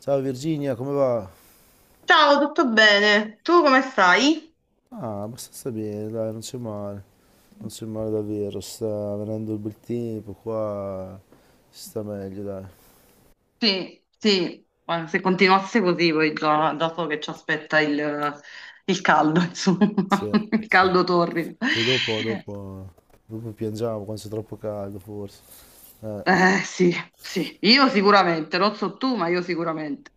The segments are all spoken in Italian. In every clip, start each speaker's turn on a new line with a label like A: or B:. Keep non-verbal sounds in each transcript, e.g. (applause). A: Ciao Virginia, come va?
B: Ciao, tutto bene? Tu come stai?
A: Ah, abbastanza bene, dai, non c'è male. Non c'è male davvero, sta venendo il bel tempo qua, si sta meglio, dai.
B: Sì, sì, ma se continuasse così poi già so che ci aspetta il caldo, (laughs) insomma,
A: Sì,
B: il
A: sì.
B: caldo torrido.
A: Sì, dopo piangiamo quando c'è troppo caldo, forse. Eh,
B: Sì, sì, io sicuramente, non so tu, ma io sicuramente.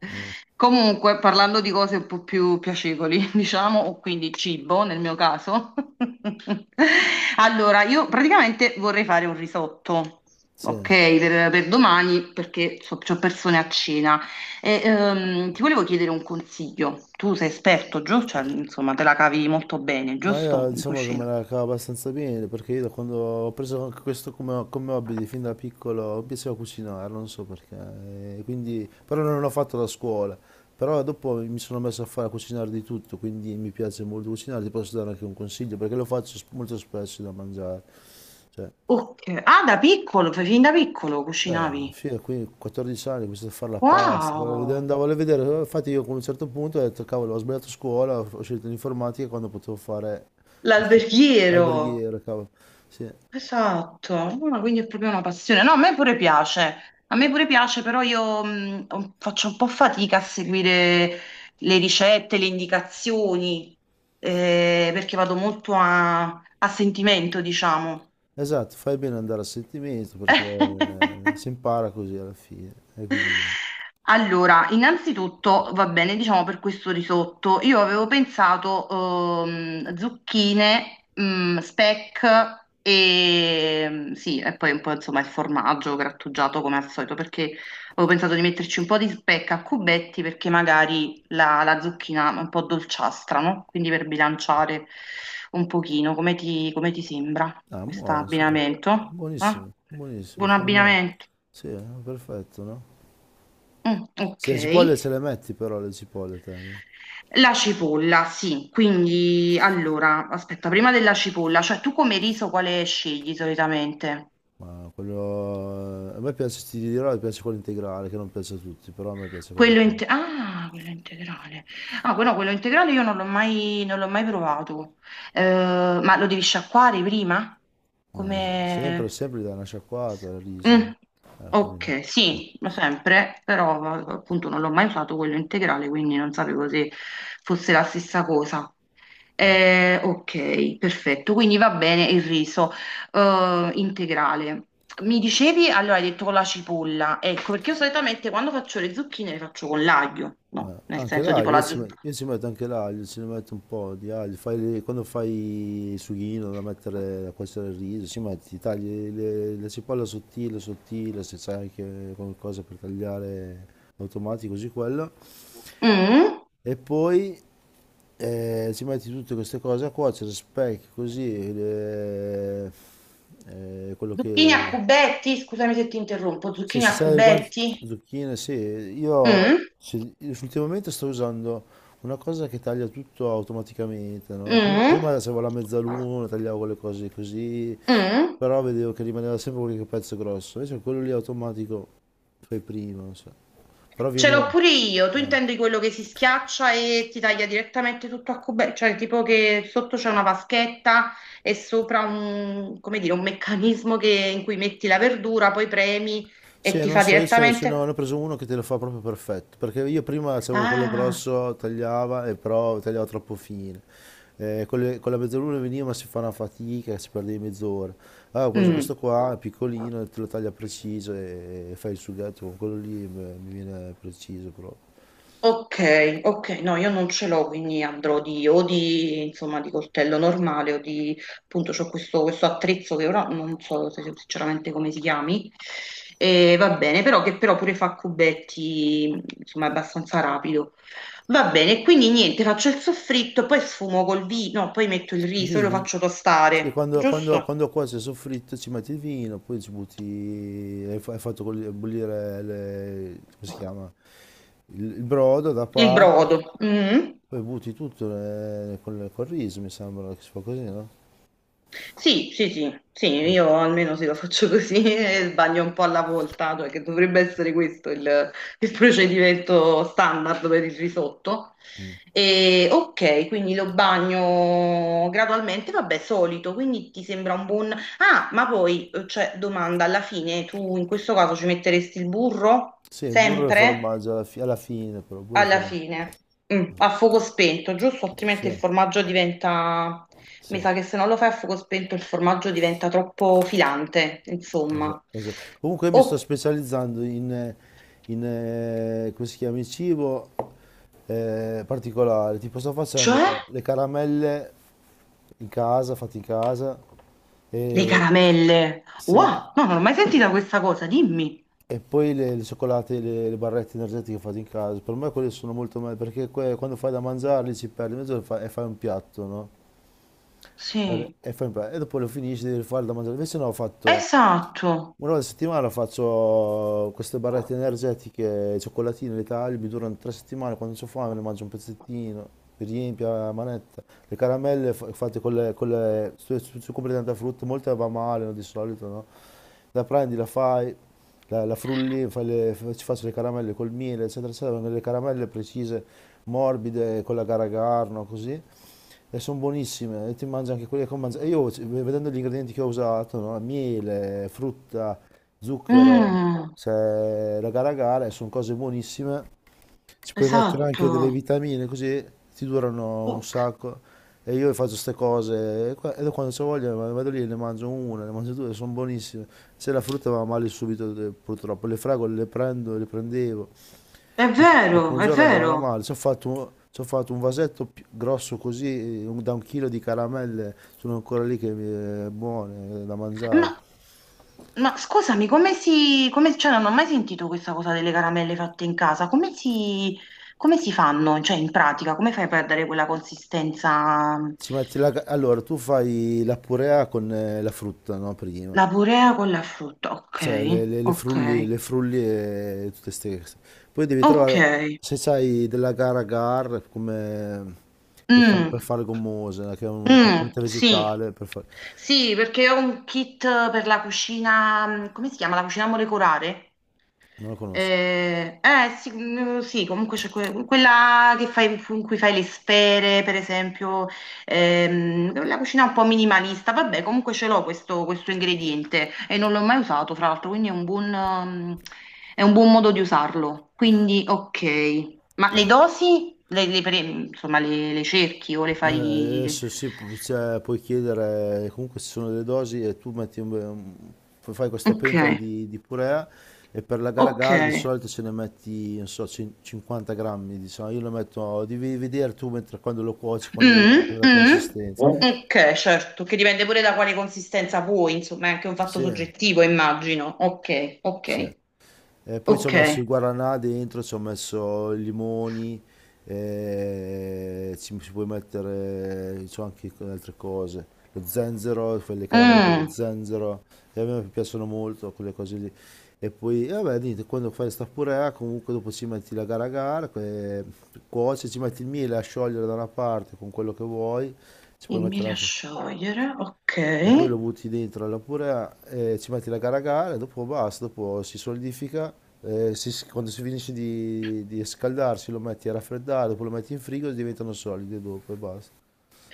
B: Comunque, parlando di cose un po' più piacevoli, (laughs) diciamo, o quindi cibo nel mio caso. (laughs) Allora, io praticamente vorrei fare un risotto,
A: sì.
B: ok, per domani, perché so, c'ho persone a cena. E, ti volevo chiedere un consiglio. Tu sei esperto, giusto? Cioè, insomma, te la cavi molto bene,
A: Ma io
B: giusto? In
A: diciamo che me
B: cucina.
A: la cavo abbastanza bene perché io da quando ho preso anche questo come hobby di fin da piccolo mi piaceva cucinare, non so perché, e quindi, però non l'ho fatto da scuola, però dopo mi sono messo a fare a cucinare di tutto, quindi mi piace molto cucinare, ti posso dare anche un consiglio perché lo faccio molto spesso da mangiare, cioè
B: Ok. Ah, fin da piccolo cucinavi.
A: figa, qui 14 anni, ho iniziato a fare la pasta, poi
B: Wow!
A: andavo a vedere, infatti io a un certo punto ho detto, cavolo, ho sbagliato scuola, ho scelto l'informatica quando potevo fare lo sci-
B: L'alberghiero,
A: alberghiero, cavolo. Sì,
B: esatto, ah, quindi è proprio una passione. No, a me pure piace, però io faccio un po' fatica a seguire le ricette, le indicazioni, perché vado molto a sentimento, diciamo.
A: esatto, fai bene ad andare a sentimento perché si
B: (laughs)
A: impara così alla fine, e quindi,
B: Allora, innanzitutto va bene, diciamo per questo risotto, io avevo pensato zucchine, mm, speck e sì, e poi un po' insomma il formaggio grattugiato come al solito, perché avevo pensato di metterci un po' di speck a cubetti perché magari la zucchina è un po' dolciastra, no? Quindi per bilanciare un pochino, come ti sembra
A: ah,
B: questo
A: buono, sì,
B: abbinamento? Eh?
A: buonissimo, buonissimo,
B: Buon
A: formato,
B: abbinamento.
A: sì, perfetto, no?
B: Mm,
A: Se
B: ok.
A: le cipolle ce le metti però, le cipolle te, no?
B: La cipolla, sì, quindi allora, aspetta, prima della cipolla, cioè tu come riso quale scegli solitamente?
A: Ma quello, a me piace, ti dirò, mi piace quello integrale, che non piace a tutti, però a me piace quello... con-
B: Ah, quello integrale. Ah, quello integrale io non l'ho mai provato. Ma lo devi sciacquare prima?
A: Sempre,
B: Come...
A: sempre gli dai una sciacquata al riso.
B: Mm,
A: Eh, quindi-
B: ok, sì, lo sempre, però appunto non l'ho mai usato quello integrale, quindi non sapevo se fosse la stessa cosa. Ok, perfetto, quindi va bene il riso integrale. Mi dicevi, allora hai detto con la cipolla, ecco, perché io solitamente quando faccio le zucchine le faccio con l'aglio, no? Nel
A: Anche
B: senso tipo
A: l'aglio,
B: la zucchina.
A: io ci metto anche l'aglio, ci ne metto un po' di aglio. Quando fai il sughino da mettere, da cuocere il riso, ci metti, la cipolla sottile, sottile, se c'è anche qualcosa per tagliare automatico, così quello. E poi ci metti tutte queste cose a cuocere, specchi così, quello
B: Zucchine a
A: che...
B: cubetti, scusami se ti interrompo,
A: Sì,
B: zucchine
A: se
B: a
A: c'è del guanto,
B: cubetti.
A: zucchine,
B: Mm,
A: io ultimamente sto usando una cosa che taglia tutto automaticamente, no?
B: mm.
A: Prima avevo la mezzaluna, tagliavo le cose così,
B: Mm?
A: però vedevo che rimaneva sempre qualche pezzo grosso, invece quello lì automatico fai prima, non so. Però
B: Ce l'ho
A: veniva...
B: pure io. Tu
A: eh.
B: intendi quello che si schiaccia e ti taglia direttamente tutto a cubetti, cioè tipo che sotto c'è una vaschetta e sopra come dire, un meccanismo in cui metti la verdura, poi premi e
A: Sì,
B: ti
A: non
B: fa
A: so, se no, ne
B: direttamente.
A: ho preso uno che te lo fa proprio perfetto, perché io prima avevo quello
B: Ah,
A: grosso, tagliava, e però tagliava troppo fine. Con la mezzaluna veniva, ma si fa una fatica, si perde mezz'ora. Allora ho preso
B: mm.
A: questo qua, è piccolino, te lo taglia preciso e fai il sughetto con quello lì, beh, mi viene preciso proprio.
B: Ok, ok, no, io non ce l'ho, quindi andrò insomma, di coltello normale o di, appunto, c'ho questo attrezzo che ora non so so sinceramente come si chiami, e va bene, però che però pure fa cubetti, insomma, abbastanza rapido. Va bene, quindi niente, faccio il soffritto, poi sfumo col vino, poi metto il
A: Il
B: riso e lo
A: vino,
B: faccio
A: sì,
B: tostare, giusto?
A: quando cuoce il soffritto ci metti il vino, poi ci butti, hai fatto bollire, come si chiama? Il brodo da
B: Il
A: parte.
B: brodo. Mm.
A: Poi butti tutto col riso, mi sembra che si fa così, no?
B: Sì, sì, sì, sì,
A: Eh.
B: io almeno se lo faccio così (laughs) e sbaglio un po' alla volta, cioè che dovrebbe essere questo il procedimento standard per il risotto. E, ok, quindi lo bagno gradualmente, vabbè, solito, quindi ti sembra un buon. Ah, ma poi, cioè, domanda, alla fine tu in questo caso ci metteresti il burro?
A: Sì, il burro e il
B: Sempre?
A: formaggio alla fine, però, burro e
B: Alla
A: formaggio.
B: fine, a fuoco spento, giusto? Altrimenti
A: Sì,
B: il formaggio diventa,
A: sì,
B: mi sa che se non lo fai a fuoco spento il formaggio diventa troppo filante, insomma.
A: esatto. Comunque io mi sto
B: Oh,
A: specializzando in, come si chiama, in cibo particolare. Tipo sto facendo
B: cioè
A: le caramelle in casa, fatte in casa,
B: le
A: e
B: caramelle.
A: sì,
B: Wow, no, non ho mai sentita questa cosa, dimmi.
A: e poi le cioccolate, le barrette energetiche fatte in casa, per me quelle sono molto meglio perché quando fai da mangiarli ci perdi mezz'ora e e fai un piatto, no?
B: Sì,
A: E dopo lo finisci, devi fare da mangiare. Invece no, ho fatto
B: esatto.
A: una volta a settimana, faccio queste barrette energetiche, cioccolatine, le taglio, mi durano tre settimane, quando ho fame ne mangio un pezzettino, mi riempio la manetta. Fatte con le, se compri tanta frutta, molte va male, no, di solito, no? La prendi, la fai, la frulli, ci faccio le caramelle col miele, eccetera, eccetera, vengono le caramelle precise, morbide, con la gara così e sono buonissime, e ti mangi anche quelle che ho mangiato. E io, vedendo gli ingredienti che ho usato, no, miele, frutta, zucchero,
B: Mm,
A: raga raga, e sono cose buonissime. Ci puoi mettere anche
B: esatto.
A: delle vitamine, così ti durano un
B: Ok.
A: sacco. E io faccio queste cose, e e quando c'ho voglia vado lì e ne mangio una, ne mangio due, sono buonissime. Se la frutta va male subito, purtroppo. Le fragole le prendo, le prendevo.
B: È
A: Dopo un
B: vero, è
A: giorno andavano a
B: vero.
A: male, ci ho fatto un grosso così, da un chilo di caramelle, sono ancora lì che buone, da mangiare.
B: Ma, ma scusami, cioè, non ho mai sentito questa cosa delle caramelle fatte in casa. Come si fanno? Cioè, in pratica, come fai a perdere quella consistenza?
A: Ci metti la, ca- Allora, tu fai la purea con la frutta, no? Prima.
B: La purea con la frutta, ok,
A: Cioè,
B: ok,
A: le frulli e tutte ste cose. Poi devi
B: ok.
A: trovare, se sai, della gara agar, come...
B: Mm,
A: per fare gommose, che è un
B: mm,
A: componente
B: sì,
A: vegetale, per fare...
B: sì, perché ho un kit per la cucina, come si chiama? La cucina molecolare?
A: Non la conosco.
B: Sì, mm, sì, comunque c'è quella che fai, in cui fai le sfere, per esempio, la cucina un po' minimalista, vabbè, comunque ce l'ho questo ingrediente e non l'ho mai usato, fra l'altro, quindi è è un buon modo di usarlo. Quindi, ok, ma
A: Eh.
B: le dosi, insomma, le cerchi o le
A: Ma eh,
B: fai...
A: Adesso sì, cioè, puoi chiedere, comunque ci sono delle dosi e tu metti fai questa
B: Ok,
A: pentola di purea e per la gara
B: ok.
A: gara di solito ce ne metti, non so, 50 grammi, diciamo, io lo metto, devi vedere tu mentre quando lo cuoci, quando viene
B: Mm,
A: la
B: mm. Eh?
A: consistenza.
B: Ok, certo, che dipende pure da quale consistenza vuoi, insomma, è anche un fatto
A: Sì,
B: soggettivo, immagino. Ok,
A: sì.
B: ok,
A: Poi ci ho messo
B: ok.
A: il guaranà dentro, ci ho messo i limoni, ci puoi mettere, c'ho anche con altre cose, lo zenzero, quelle caramelle con lo
B: Mm.
A: zenzero, e a me piacciono molto quelle cose lì. E poi, vabbè, niente, quando fai sta purea, comunque dopo ci metti la gara a gara, cuoci, ci metti il miele a sciogliere da una parte con quello che vuoi, ci puoi
B: Dimmi
A: mettere
B: da
A: anche
B: sciogliere, ok.
A: e poi lo butti dentro alla purea, ci metti la caragana e dopo basta, dopo si solidifica, quando si finisce di scaldarsi lo metti a raffreddare, dopo lo metti in frigo e diventano solide dopo e basta.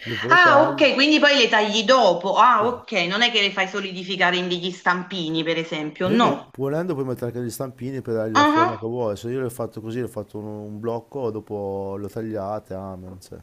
A: Dopo le
B: Ah,
A: tagli.
B: ok, quindi poi le tagli dopo. Ah,
A: Sì.
B: ok, non è che le fai solidificare in degli stampini, per esempio,
A: Per esempio,
B: no.
A: volendo puoi mettere anche degli stampini per dargli la forma che
B: Ah,
A: vuoi, se io l'ho fatto così, l'ho fatto un blocco, dopo lo tagliate, amen. Cioè.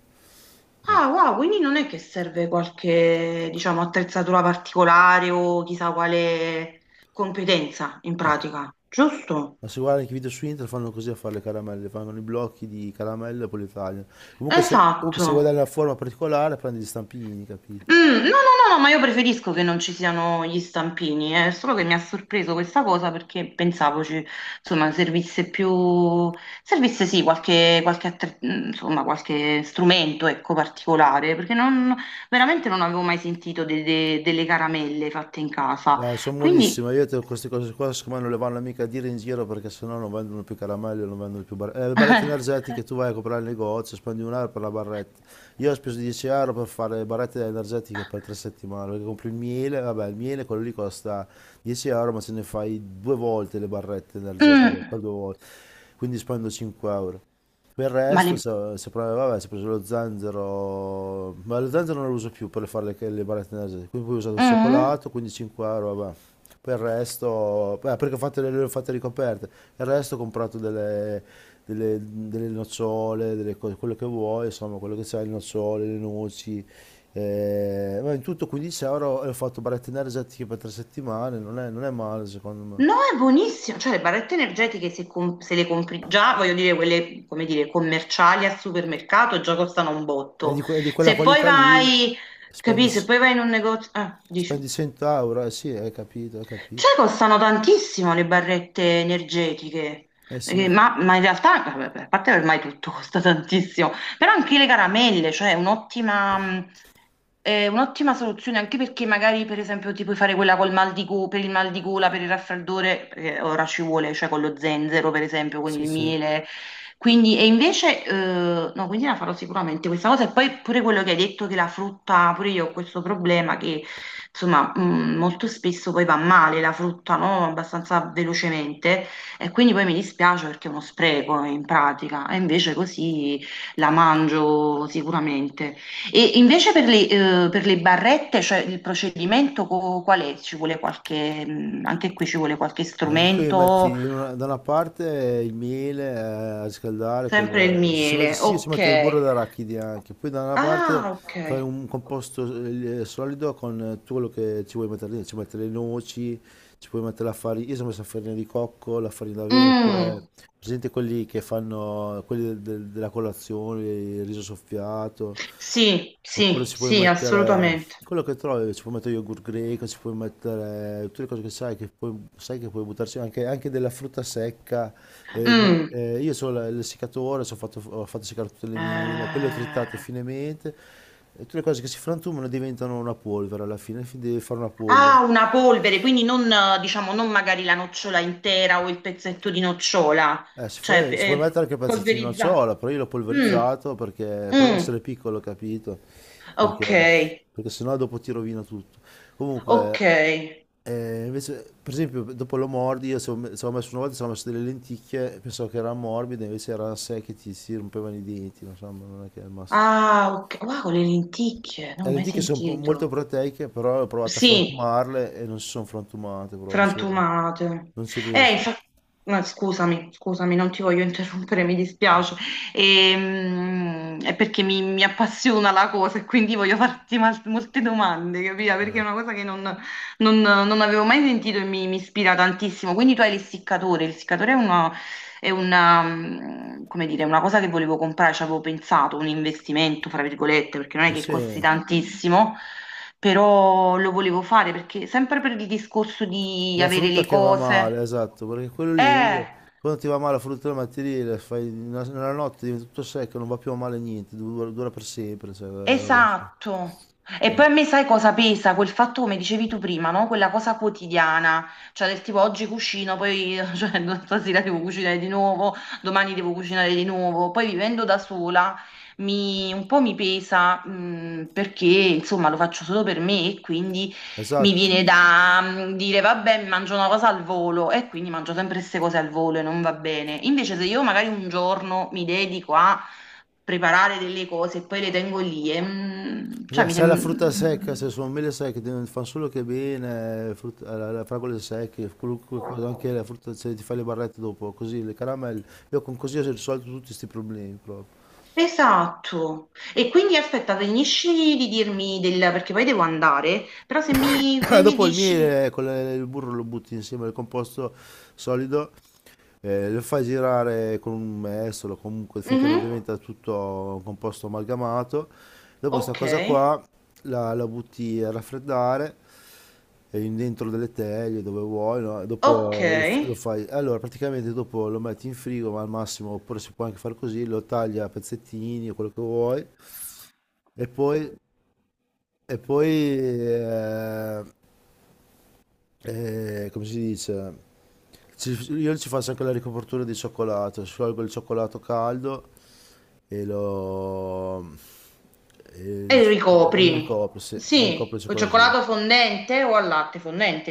B: Ah, wow, quindi non è che serve qualche, diciamo, attrezzatura particolare o chissà quale competenza in pratica, giusto?
A: Ma se guardi anche i video su internet fanno così a fare le caramelle, fanno i blocchi di caramelle e poi li tagliano. Comunque
B: Esatto.
A: se vuoi dare una forma particolare prendi gli stampini,
B: Mm,
A: capito?
B: no, no, no, no, ma io preferisco che non ci siano gli stampini, è solo che mi ha sorpreso questa cosa perché pensavo ci, insomma, servisse più, servisse sì insomma, qualche strumento, ecco, particolare, perché non, veramente non avevo mai sentito delle caramelle fatte in casa.
A: Beh, sono
B: Quindi,
A: buonissime, queste cose qua secondo me non le vanno mica a dire in giro perché sennò non vendono più caramelle, non vendono più barrette. Le barrette
B: (laughs)
A: energetiche tu vai a comprare il negozio, spendi un euro per la barretta. Io ho speso 10 euro per fare le barrette energetiche per tre settimane, perché compri il miele, vabbè il miele quello lì costa 10 euro, ma se ne fai due volte le barrette energetiche,
B: Mm,
A: per due volte, quindi spendo 5 euro. Per il
B: ma
A: resto,
B: le.
A: se provi- vabbè, si è preso lo zenzero, ma lo zenzero non lo uso più per fare le barrette energetiche, quindi poi ho usato il
B: Mm?
A: cioccolato, quindi 5 euro, vabbè. Per il resto, beh, perché ho fatto le ho fatte ricoperte, il resto ho comprato delle nocciole, delle cose, quello che vuoi, insomma, quello che c'è, le nocciole, le noci, ma in tutto 15 euro e ho fatto barrette energetiche per tre settimane, non è, non è male secondo
B: No,
A: me.
B: è buonissimo, cioè le barrette energetiche se le compri già, voglio dire, quelle, come dire, commerciali al supermercato già costano un botto.
A: È di quella
B: Se poi
A: qualità lì,
B: vai,
A: spendi...
B: capisci, se poi vai in un negozio, ah, dici.
A: Spendi 100 euro, eh sì, hai capito, hai capito.
B: Cioè, costano tantissimo le barrette energetiche,
A: Eh
B: Eh,
A: sì,
B: ma, ma in realtà, vabbè, a parte ormai tutto (laughs) costa tantissimo, però anche le caramelle, cioè è è un'ottima soluzione, anche perché magari per esempio ti puoi fare quella col per il mal di gola, per il raffreddore, ora ci vuole, cioè con lo zenzero per esempio, con
A: sì,
B: il
A: sì.
B: miele, quindi, e invece, no, quindi la farò sicuramente questa cosa. E poi pure quello che hai detto che la frutta, pure io ho questo problema che, insomma, molto spesso poi va male la frutta, no? Abbastanza velocemente. E quindi poi mi dispiace perché è uno spreco in pratica. E invece così la mangio sicuramente. E invece per le barrette, cioè il procedimento qual è? Ci vuole anche qui ci vuole qualche
A: Anche qui
B: strumento?
A: da una parte il miele a riscaldare,
B: Sempre il
A: col, se si mette,
B: miele,
A: sì, si mette del
B: ok.
A: burro d'arachidi anche, poi da una parte
B: Ah, ok.
A: fai un composto solido con tutto quello che ci vuoi mettere dentro, ci metti le noci, ci puoi mettere la farina, io sono messo la farina di cocco, la farina d'avena, oppure
B: Mm.
A: presente quelli che fanno, della colazione, il riso soffiato,
B: Sì,
A: oppure
B: sì,
A: ci puoi
B: sì,
A: mettere
B: assolutamente.
A: quello che trovi, ci puoi mettere yogurt greco, ci puoi mettere tutte le cose che sai che puoi buttarci anche, anche della frutta secca.
B: Mm.
A: Io ho il seccatore, ho fatto seccare tutte le mele, poi le ho trittate
B: Eh,
A: finemente. E tutte le cose che si frantumano diventano una polvere alla fine, devi fare una polvere.
B: Ah, una polvere, quindi non, diciamo, non magari la nocciola intera o il pezzetto di nocciola,
A: Si
B: cioè
A: puoi, ci puoi mettere anche pezzettino a
B: polverizzata.
A: ciotola, però io l'ho
B: Mm,
A: polverizzato perché, però deve
B: mm.
A: essere piccolo, capito?
B: Ok,
A: Perché, perché sennò dopo ti rovina tutto. Comunque,
B: ok.
A: invece, per esempio, dopo lo mordi, io ci avevo messo una volta, ci avevo messo delle lenticchie, pensavo che erano morbide, invece erano secche, ti si rompevano i denti, insomma, non è che è il massimo.
B: Ah, ok. Wow, con le lenticchie, non
A: Le
B: ho mai
A: lenticchie sono molto
B: sentito.
A: proteiche, però ho provato a
B: Sì.
A: frantumarle e non si sono frantumate, proprio,
B: Frantumate.
A: non si riesce.
B: Infatti, scusami, scusami, non ti voglio interrompere, mi dispiace. È perché mi appassiona la cosa e quindi voglio farti molte domande, capito? Perché è
A: Eh.
B: una cosa che non avevo mai sentito e mi ispira tantissimo. Quindi tu hai l'essiccatore, l'essiccatore è come dire, una cosa che volevo comprare, ci avevo pensato, un investimento, fra virgolette, perché non è
A: Ma
B: che
A: sì.
B: costi tantissimo, però lo volevo fare perché sempre per il discorso di
A: La
B: avere
A: frutta
B: le
A: che va
B: cose.
A: male, esatto, perché quello lì,
B: Eh!
A: quando ti va male la frutta del mattiere, nella notte diventa tutto secco, non va più male niente, dura, dura per sempre, cioè, la roba sì.
B: Esatto. E
A: Eh,
B: poi a me sai cosa pesa? Quel fatto, come dicevi tu prima, no? Quella cosa quotidiana, cioè del tipo oggi cucino, poi (laughs) cioè, stasera devo cucinare di nuovo, domani devo cucinare di nuovo. Poi vivendo da sola un po' mi pesa perché insomma lo faccio solo per me e quindi mi
A: esatto,
B: viene da dire vabbè, mi mangio una cosa al volo e quindi mangio sempre queste cose al volo e non va bene. Invece se io magari un giorno mi dedico a preparare delle cose e poi le tengo lì. E, cioè,
A: esatto,
B: mi
A: se hai la frutta secca,
B: sem-.
A: se sono mele secche, ti fanno solo che bene, frutta, fragole secche, qualunque cosa, anche la frutta, se ti fai le barrette dopo, così, le caramelle, io con così ho risolto tutti questi problemi proprio.
B: Esatto. E quindi aspetta, finisci di dirmi del. Perché poi devo andare, però
A: (clears throat)
B: se
A: (coughs)
B: mi
A: Dopo il
B: dici.
A: miele con il burro lo butti insieme al composto solido. Lo fai girare con un mestolo, comunque finché non
B: Mhm.
A: diventa tutto un composto amalgamato. Dopo sta
B: Ok,
A: cosa qua la butti a raffreddare dentro delle teglie dove vuoi, no? E
B: ok.
A: dopo lo fai. Allora, praticamente dopo lo metti in frigo, ma al massimo, oppure si può anche fare così, lo taglia a pezzettini, quello che vuoi, e poi, e poi eh, come si dice? Io ci faccio anche la ricopertura di cioccolato, sciolgo il cioccolato caldo e e il-
B: E
A: e lo
B: ricopri.
A: ricopro, sì, e ricopro
B: Sì,
A: il
B: o cioccolato
A: cioccolatino.
B: fondente o al latte fondente,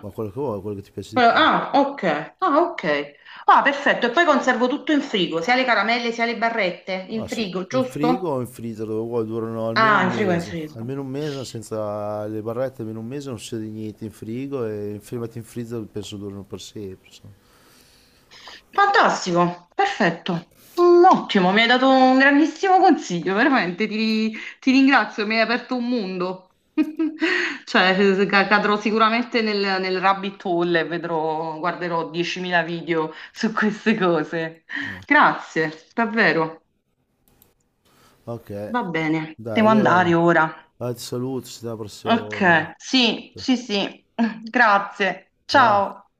A: Ma quello che vuoi, quello che ti piace di più.
B: Ah, ok. Ah, ok. Ah, perfetto. E poi conservo tutto in frigo, sia le caramelle sia le barrette in
A: Ah, sì.
B: frigo,
A: In frigo
B: giusto?
A: o in freezer dove vuoi durano
B: Ah, il frigo è in frigo.
A: almeno un mese senza le barrette, almeno un mese non succede niente in frigo e in fermati in freezer penso durano per sempre. Insomma.
B: Fantastico, perfetto. Ottimo, mi hai dato un grandissimo consiglio, veramente ti ringrazio, mi hai aperto un mondo. (laughs) Cioè, cadrò sicuramente nel rabbit hole e guarderò 10.000 video su queste cose. Grazie, davvero.
A: Ok,
B: Va bene,
A: dai,
B: devo andare
A: allora,
B: ora.
A: dai, ti saluto, ci vediamo la prossima volta.
B: Ok, sì, sì, sì. (laughs) Grazie.
A: Ciao.
B: Ciao.